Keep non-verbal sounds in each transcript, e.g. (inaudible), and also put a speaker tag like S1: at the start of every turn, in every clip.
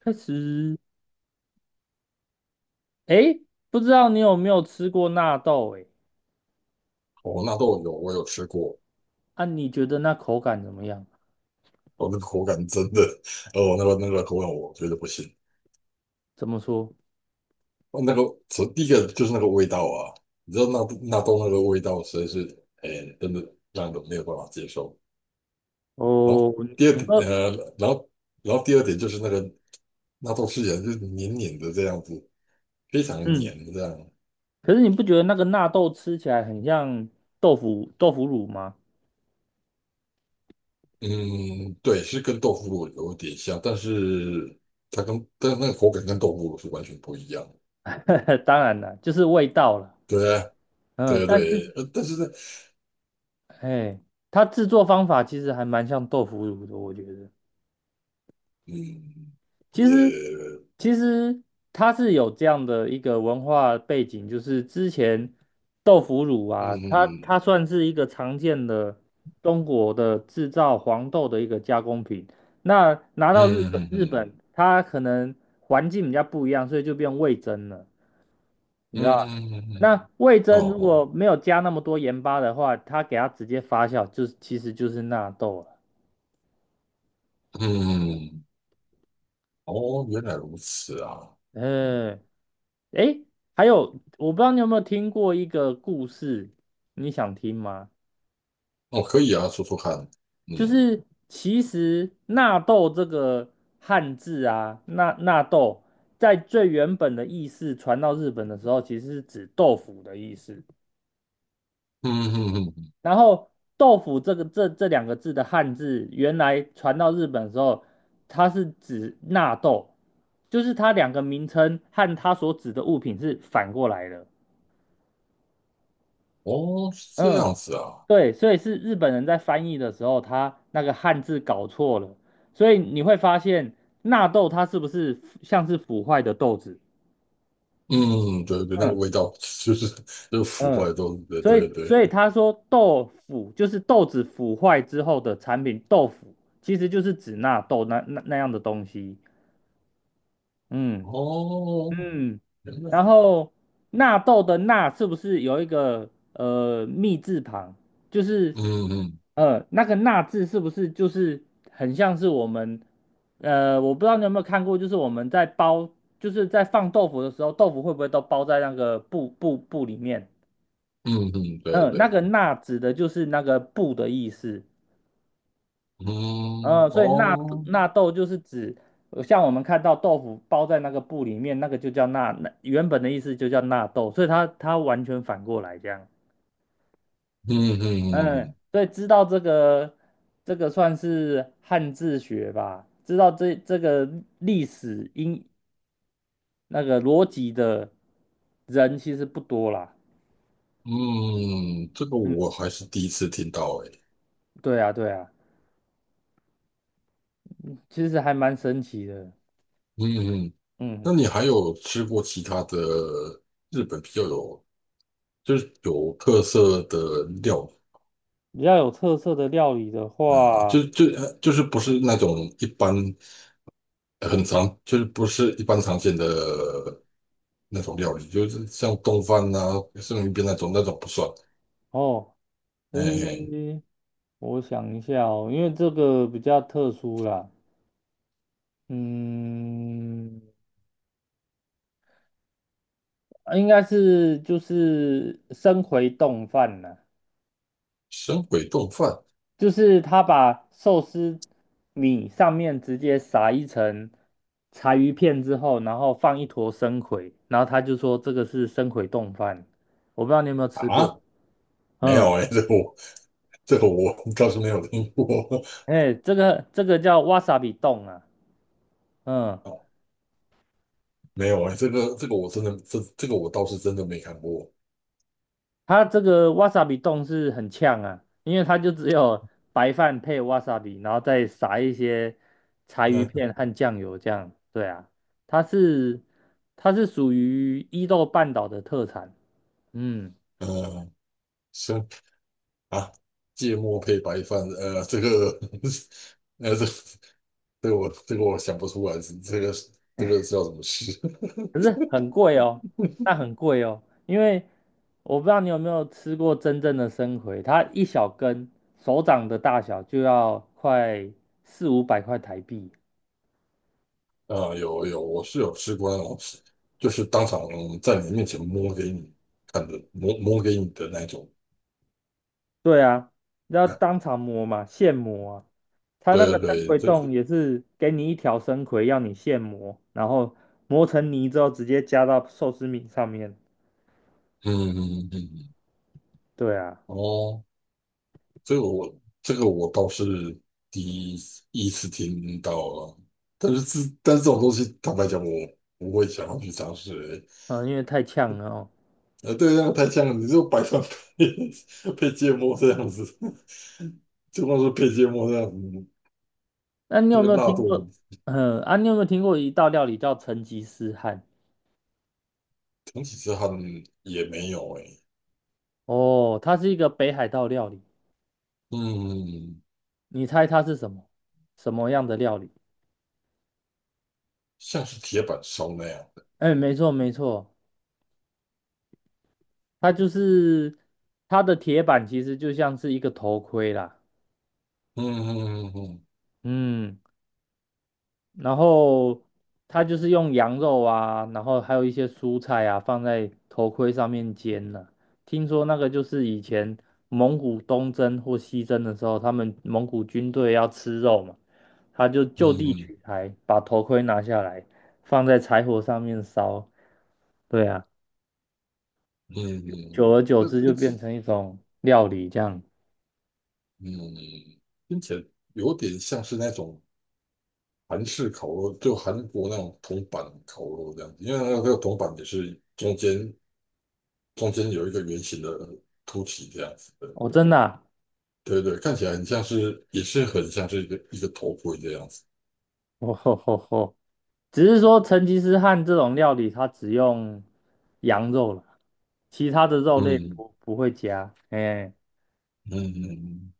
S1: 开始。哎，不知道你有没有吃过纳豆？哎，
S2: 哦，纳豆我有吃过。
S1: 啊，你觉得那口感怎么样？
S2: 哦，那个口感真的，哦，那个口感我觉得不行。
S1: 怎么说？
S2: 哦，那个第一个就是那个味道啊。你知道纳豆那个味道实在是，哎，真的让人没有办法接受。然
S1: 哦，
S2: 后第二
S1: 你
S2: 点，
S1: 说。
S2: 然后然后第二点就是那个纳豆吃起来就是黏黏的这样子，非常的
S1: 嗯，
S2: 黏这样。
S1: 可是你不觉得那个纳豆吃起来很像豆腐乳吗？
S2: 嗯，对，是跟豆腐乳有点像，但是但是那个口感跟豆腐乳是完全不一样的。
S1: (laughs) 当然了，就是味道了。
S2: 对啊。
S1: 嗯，
S2: 对对
S1: 但是，
S2: 对，但是呢，
S1: 哎，它制作方法其实还蛮像豆腐乳的，我觉得。
S2: 嗯，
S1: 其
S2: 也，
S1: 实，其实它是有这样的一个文化背景，就是之前豆腐乳
S2: 嗯
S1: 啊，它
S2: 嗯
S1: 它算是一个常见的中国的制造黄豆的一个加工品。那拿到日本
S2: 嗯
S1: 日
S2: 嗯
S1: 本，它可能环境比较不一样，所以就变味噌了。你知道
S2: 嗯
S1: 吗？
S2: 嗯，嗯，
S1: 那味
S2: 哦
S1: 噌如果
S2: 哦，
S1: 没有加那么多盐巴的话，它给它直接发酵，就是其实就是纳豆了。
S2: 嗯，哦，原来如此啊。嗯，
S1: 嗯。诶，还有，我不知道你有没有听过一个故事，你想听吗？
S2: 哦，可以啊，说说看。
S1: 就
S2: 嗯
S1: 是其实纳豆这个汉字啊，纳豆在最原本的意思传到日本的时候，其实是指豆腐的意思。
S2: 嗯嗯嗯，
S1: 然后豆腐这个这两个字的汉字，原来传到日本的时候，它是指纳豆，就是它两个名称和它所指的物品是反过来的。
S2: 哦，是这
S1: 嗯。
S2: 样子啊。
S1: 对，所以是日本人在翻译的时候，他那个汉字搞错了，所以你会发现纳豆它是不是像是腐坏的豆子？
S2: 嗯，对对，那个
S1: 嗯
S2: 味道就是腐
S1: 嗯，
S2: 坏都，对
S1: 所以
S2: 对
S1: 所
S2: 对。
S1: 以他说豆腐就是豆子腐坏之后的产品，豆腐其实就是指纳豆那样的东西。嗯。
S2: 哦，
S1: 嗯，
S2: 原来，
S1: 然后纳豆的纳是不是有一个密字旁？就是
S2: 嗯嗯
S1: 那个纳字是不是就是很像是我们我不知道你有没有看过，就是我们就是在放豆腐的时候，豆腐会不会都包在那个布里面？
S2: 嗯嗯，对
S1: 嗯，那
S2: 对，
S1: 个纳指的就是那个布的意思。
S2: 嗯，
S1: 嗯，所以纳
S2: 哦，
S1: 纳豆就是指像我们看到豆腐包在那个布里面，那个就叫纳，那原本的意思就叫纳豆，所以它完全反过来这样。
S2: 嗯嗯
S1: 嗯，
S2: 嗯
S1: 所以知道这个算是汉字学吧，知道这个历史因那个逻辑的人其实不多啦。
S2: 嗯，嗯，这个
S1: 嗯，
S2: 我还是第一次听到，诶。
S1: 对啊，对啊，其实还蛮神奇的。
S2: 嗯嗯，嗯，
S1: 嗯，
S2: 那你还有吃过其他的日本比较有有特色的料
S1: 比较有特色的料理的
S2: 理啊？
S1: 话，
S2: 就是不是那种一般很常不是一般常见的那种料理，就是像冻饭呐、生鱼片那种不算。
S1: 哦，
S2: 哎，哎，
S1: 诶。我想一下哦，因为这个比较特殊啦。嗯，啊应该是就是生回冻饭啦，
S2: 神鬼冻饭
S1: 就是他把寿司米上面直接撒一层柴鱼片之后，然后放一坨生葵，然后他就说这个是生葵冻饭，我不知道你有没有吃过。
S2: 啊？没
S1: 嗯，
S2: 有哎、这个我倒是没有听过。
S1: 哎，这个叫 wasabi 冻啊。嗯，
S2: 啊，没有哎、这个我真的这个我倒是真的没看过。
S1: 它这个 wasabi 冻是很呛啊，因为它就只有白饭配 wasabi，然后再撒一些柴鱼
S2: 嗯
S1: 片和酱油这样。对啊，它是它是属于伊豆半岛的特产。嗯，
S2: 嗯，啊，芥末配白饭，这个，(laughs) 呃，这这个我想不出来，这个叫什么吃？
S1: 可是很贵哦，那很贵哦，因为我不知道你有没有吃过真正的生葵，它一小根手掌的大小就要快四五百块台币。
S2: (laughs) 啊，有，我是有吃过那种，就是当场在你面前摸给你看的，摸摸给你的那种。
S1: 对啊，要
S2: 啊，
S1: 当场磨嘛，现磨啊。他那个
S2: 对
S1: 生
S2: 对
S1: 葵
S2: 对，
S1: 冻也是给你一条生葵，要你现磨，然后磨成泥之后直接加到寿司米上面。
S2: 嗯嗯嗯嗯，
S1: 对啊。
S2: 哦，这个我倒是第一次听到了。但是但是这种东西，坦白讲，我不会想要去尝试欸。
S1: 嗯，因为太呛了哦。
S2: 对，那样太像了，你就白饭配 (laughs) 配芥末这样子，(laughs) 就光是配芥末这样子。
S1: 那你
S2: 那
S1: 有
S2: 个
S1: 没有
S2: 辣
S1: 听
S2: 度
S1: 过？嗯，啊，你有没有听过一道料理叫成吉思汗？
S2: 整体之汗也没有诶、
S1: 哦，它是一个北海道料理。
S2: 嗯，
S1: 你猜它是什么？什么样的料理？
S2: 像是铁板烧那样的，
S1: 哎，没错没错，它就是它的铁板其实就像是一个头盔啦。
S2: 嗯嗯嗯
S1: 嗯。然后他就是用羊肉啊，然后还有一些蔬菜啊，放在头盔上面煎呢、听说那个就是以前蒙古东征或西征的时候，他们蒙古军队要吃肉嘛，他就地
S2: 嗯
S1: 取材，把头盔拿下来，放在柴火上面烧。对啊，
S2: 嗯
S1: 久
S2: 嗯，
S1: 而久
S2: 那
S1: 之就
S2: 听
S1: 变
S2: 起，
S1: 成一种料理这样。
S2: 嗯，听起来有点像是那种韩式烤肉，就韩国那种铜板烤肉这样子，因为那个铜板也是中间有一个圆形的凸起这样子。
S1: 哦，真的啊。
S2: 对对，看起来很像是，也是很像是一个头盔这样子。
S1: 哦吼吼吼。(laughs) 只是说成吉思汗这种料理，它只用羊肉了，其他的肉类
S2: 嗯
S1: 不会加。哎、
S2: 嗯嗯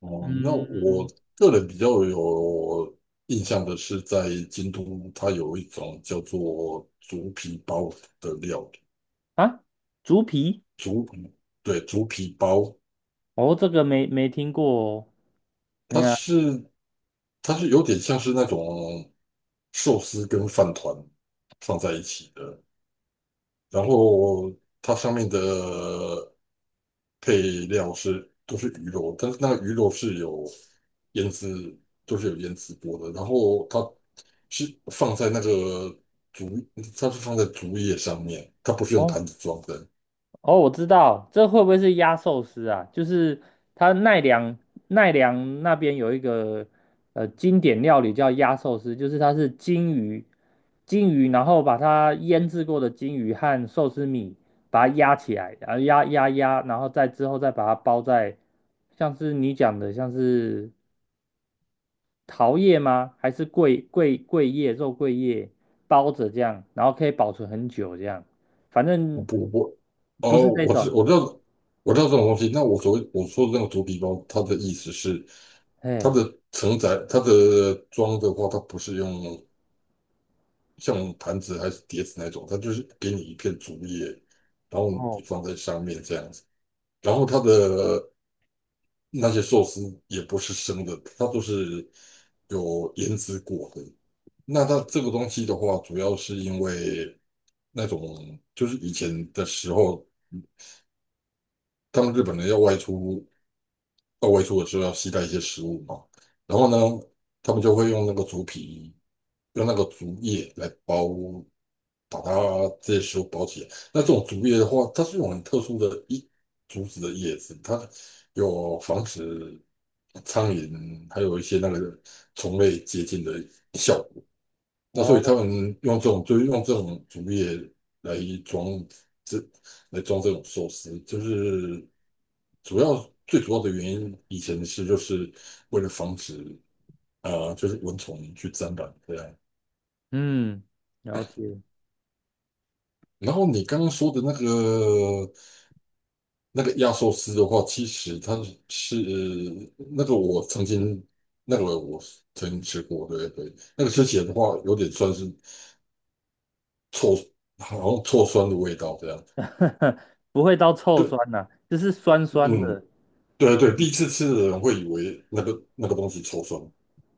S2: 嗯，哦，那我
S1: 嗯，
S2: 个人比较有印象的是，在京都，它有一种叫做竹皮包的料理，
S1: 啊，猪皮？
S2: 竹对，竹皮包。
S1: 哦，这个没听过哦。哎
S2: 它
S1: 呀，
S2: 是它是有点像是那种寿司跟饭团放在一起的。然后它上面的配料都是鱼肉，但是那个鱼肉是有腌制，都是有腌制过的。然后它是放在那个竹，它是放在竹叶上面，它不是用
S1: 哦，
S2: 坛子装的。
S1: 哦，我知道，这会不会是压寿司啊？就是它奈良那边有一个经典料理叫压寿司，就是它是金鱼，然后把它腌制过的金鱼和寿司米把它压起来，然后压压压，然后再之后再把它包在像是你讲的像是桃叶吗？还是桂桂桂叶肉桂叶包着这样，然后可以保存很久这样，反
S2: 我
S1: 正
S2: 不我，
S1: 不
S2: 哦，
S1: 是这种。
S2: 我知道这种东西。那我我说的那个竹皮包，它的意思是
S1: 哎，
S2: 它的装的话，它不是用。像盘子还是碟子那种，它就是给你一片竹叶，然后你
S1: 哦，
S2: 放在上面这样子。然后它的那些寿司也不是生的，它都是有腌制过的。那它这个东西的话，主要是因为那种就是以前的时候，他们日本人要外出到外出的时候要携带一些食物嘛，然后呢，他们就会用那个竹皮，用那个竹叶来包。把它这些球包起来。那这种竹叶的话，它是一种很特殊的竹子的叶子，它有防止苍蝇还有一些那个虫类接近的效果。那所
S1: 哦，
S2: 以他们用就是用这种竹叶来装这来装这种寿司，就是主要最主要的原因，以前是为了防止就是蚊虫去沾染这样。
S1: 嗯，了解。
S2: 然后你刚刚说的那个压缩丝的话，其实是那个我曾经那个我曾经吃过。对对，那个吃起来的话有点酸是臭，好像臭酸的味道这样。
S1: (laughs) 不会到臭酸
S2: 对，
S1: 呐、就是酸酸
S2: 嗯，
S1: 的。
S2: 对对，第一次吃的人会以为那个东西臭酸。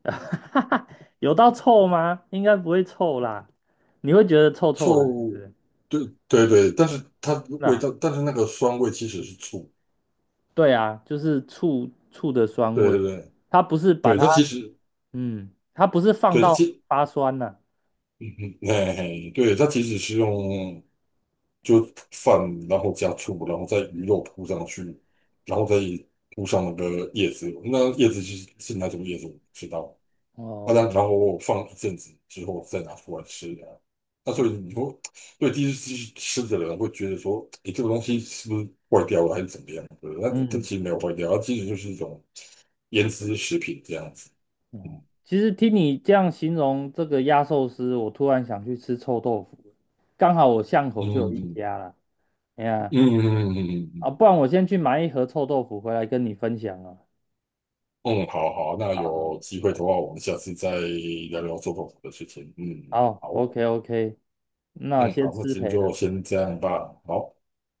S1: (laughs) 有到臭吗？应该不会臭啦，你会觉得臭臭的，是不
S2: 臭，
S1: 是？
S2: 对对对，但是它味
S1: 那
S2: 道，但是那个酸味其实是醋，
S1: 对啊，就是醋醋的酸
S2: 对
S1: 味，
S2: 对对。
S1: 它不是把
S2: 对
S1: 它，
S2: 它其实
S1: 嗯，它不是放
S2: 对它
S1: 到
S2: 其，
S1: 发酸呐、
S2: 嗯嗯，哎，对它其实是用。就饭，然后加醋，然后再鱼肉铺上去，然后再铺上那个叶子。那叶子是哪种叶子我不知道。啊，
S1: 哦，
S2: 然后我放一阵子之后再拿出来吃的啊。那所
S1: 嗯
S2: 以你说，对，第一次吃的人会觉得说，诶，这个东西是不是坏掉了还是怎么样的？那这
S1: 嗯，
S2: 其实没有坏掉，它其实就是一种腌制食品这样子。
S1: 哦其实听你这样形容这个压寿司，我突然想去吃臭豆腐了，刚好我巷口就有一
S2: 嗯
S1: 家啦。哎
S2: 嗯
S1: 呀，
S2: 嗯嗯嗯嗯。嗯嗯嗯
S1: 啊，
S2: 嗯
S1: 不然我先去买一盒臭豆腐回来跟你分享啊。
S2: 嗯，好好，那
S1: 好好
S2: 有机会的话，我们下次再聊聊做豆腐的事情。嗯，
S1: 好
S2: 好，
S1: ，OK OK，那
S2: 嗯，
S1: 先
S2: 好，那
S1: 失
S2: 今天
S1: 陪
S2: 就
S1: 了。
S2: 先这样吧。好。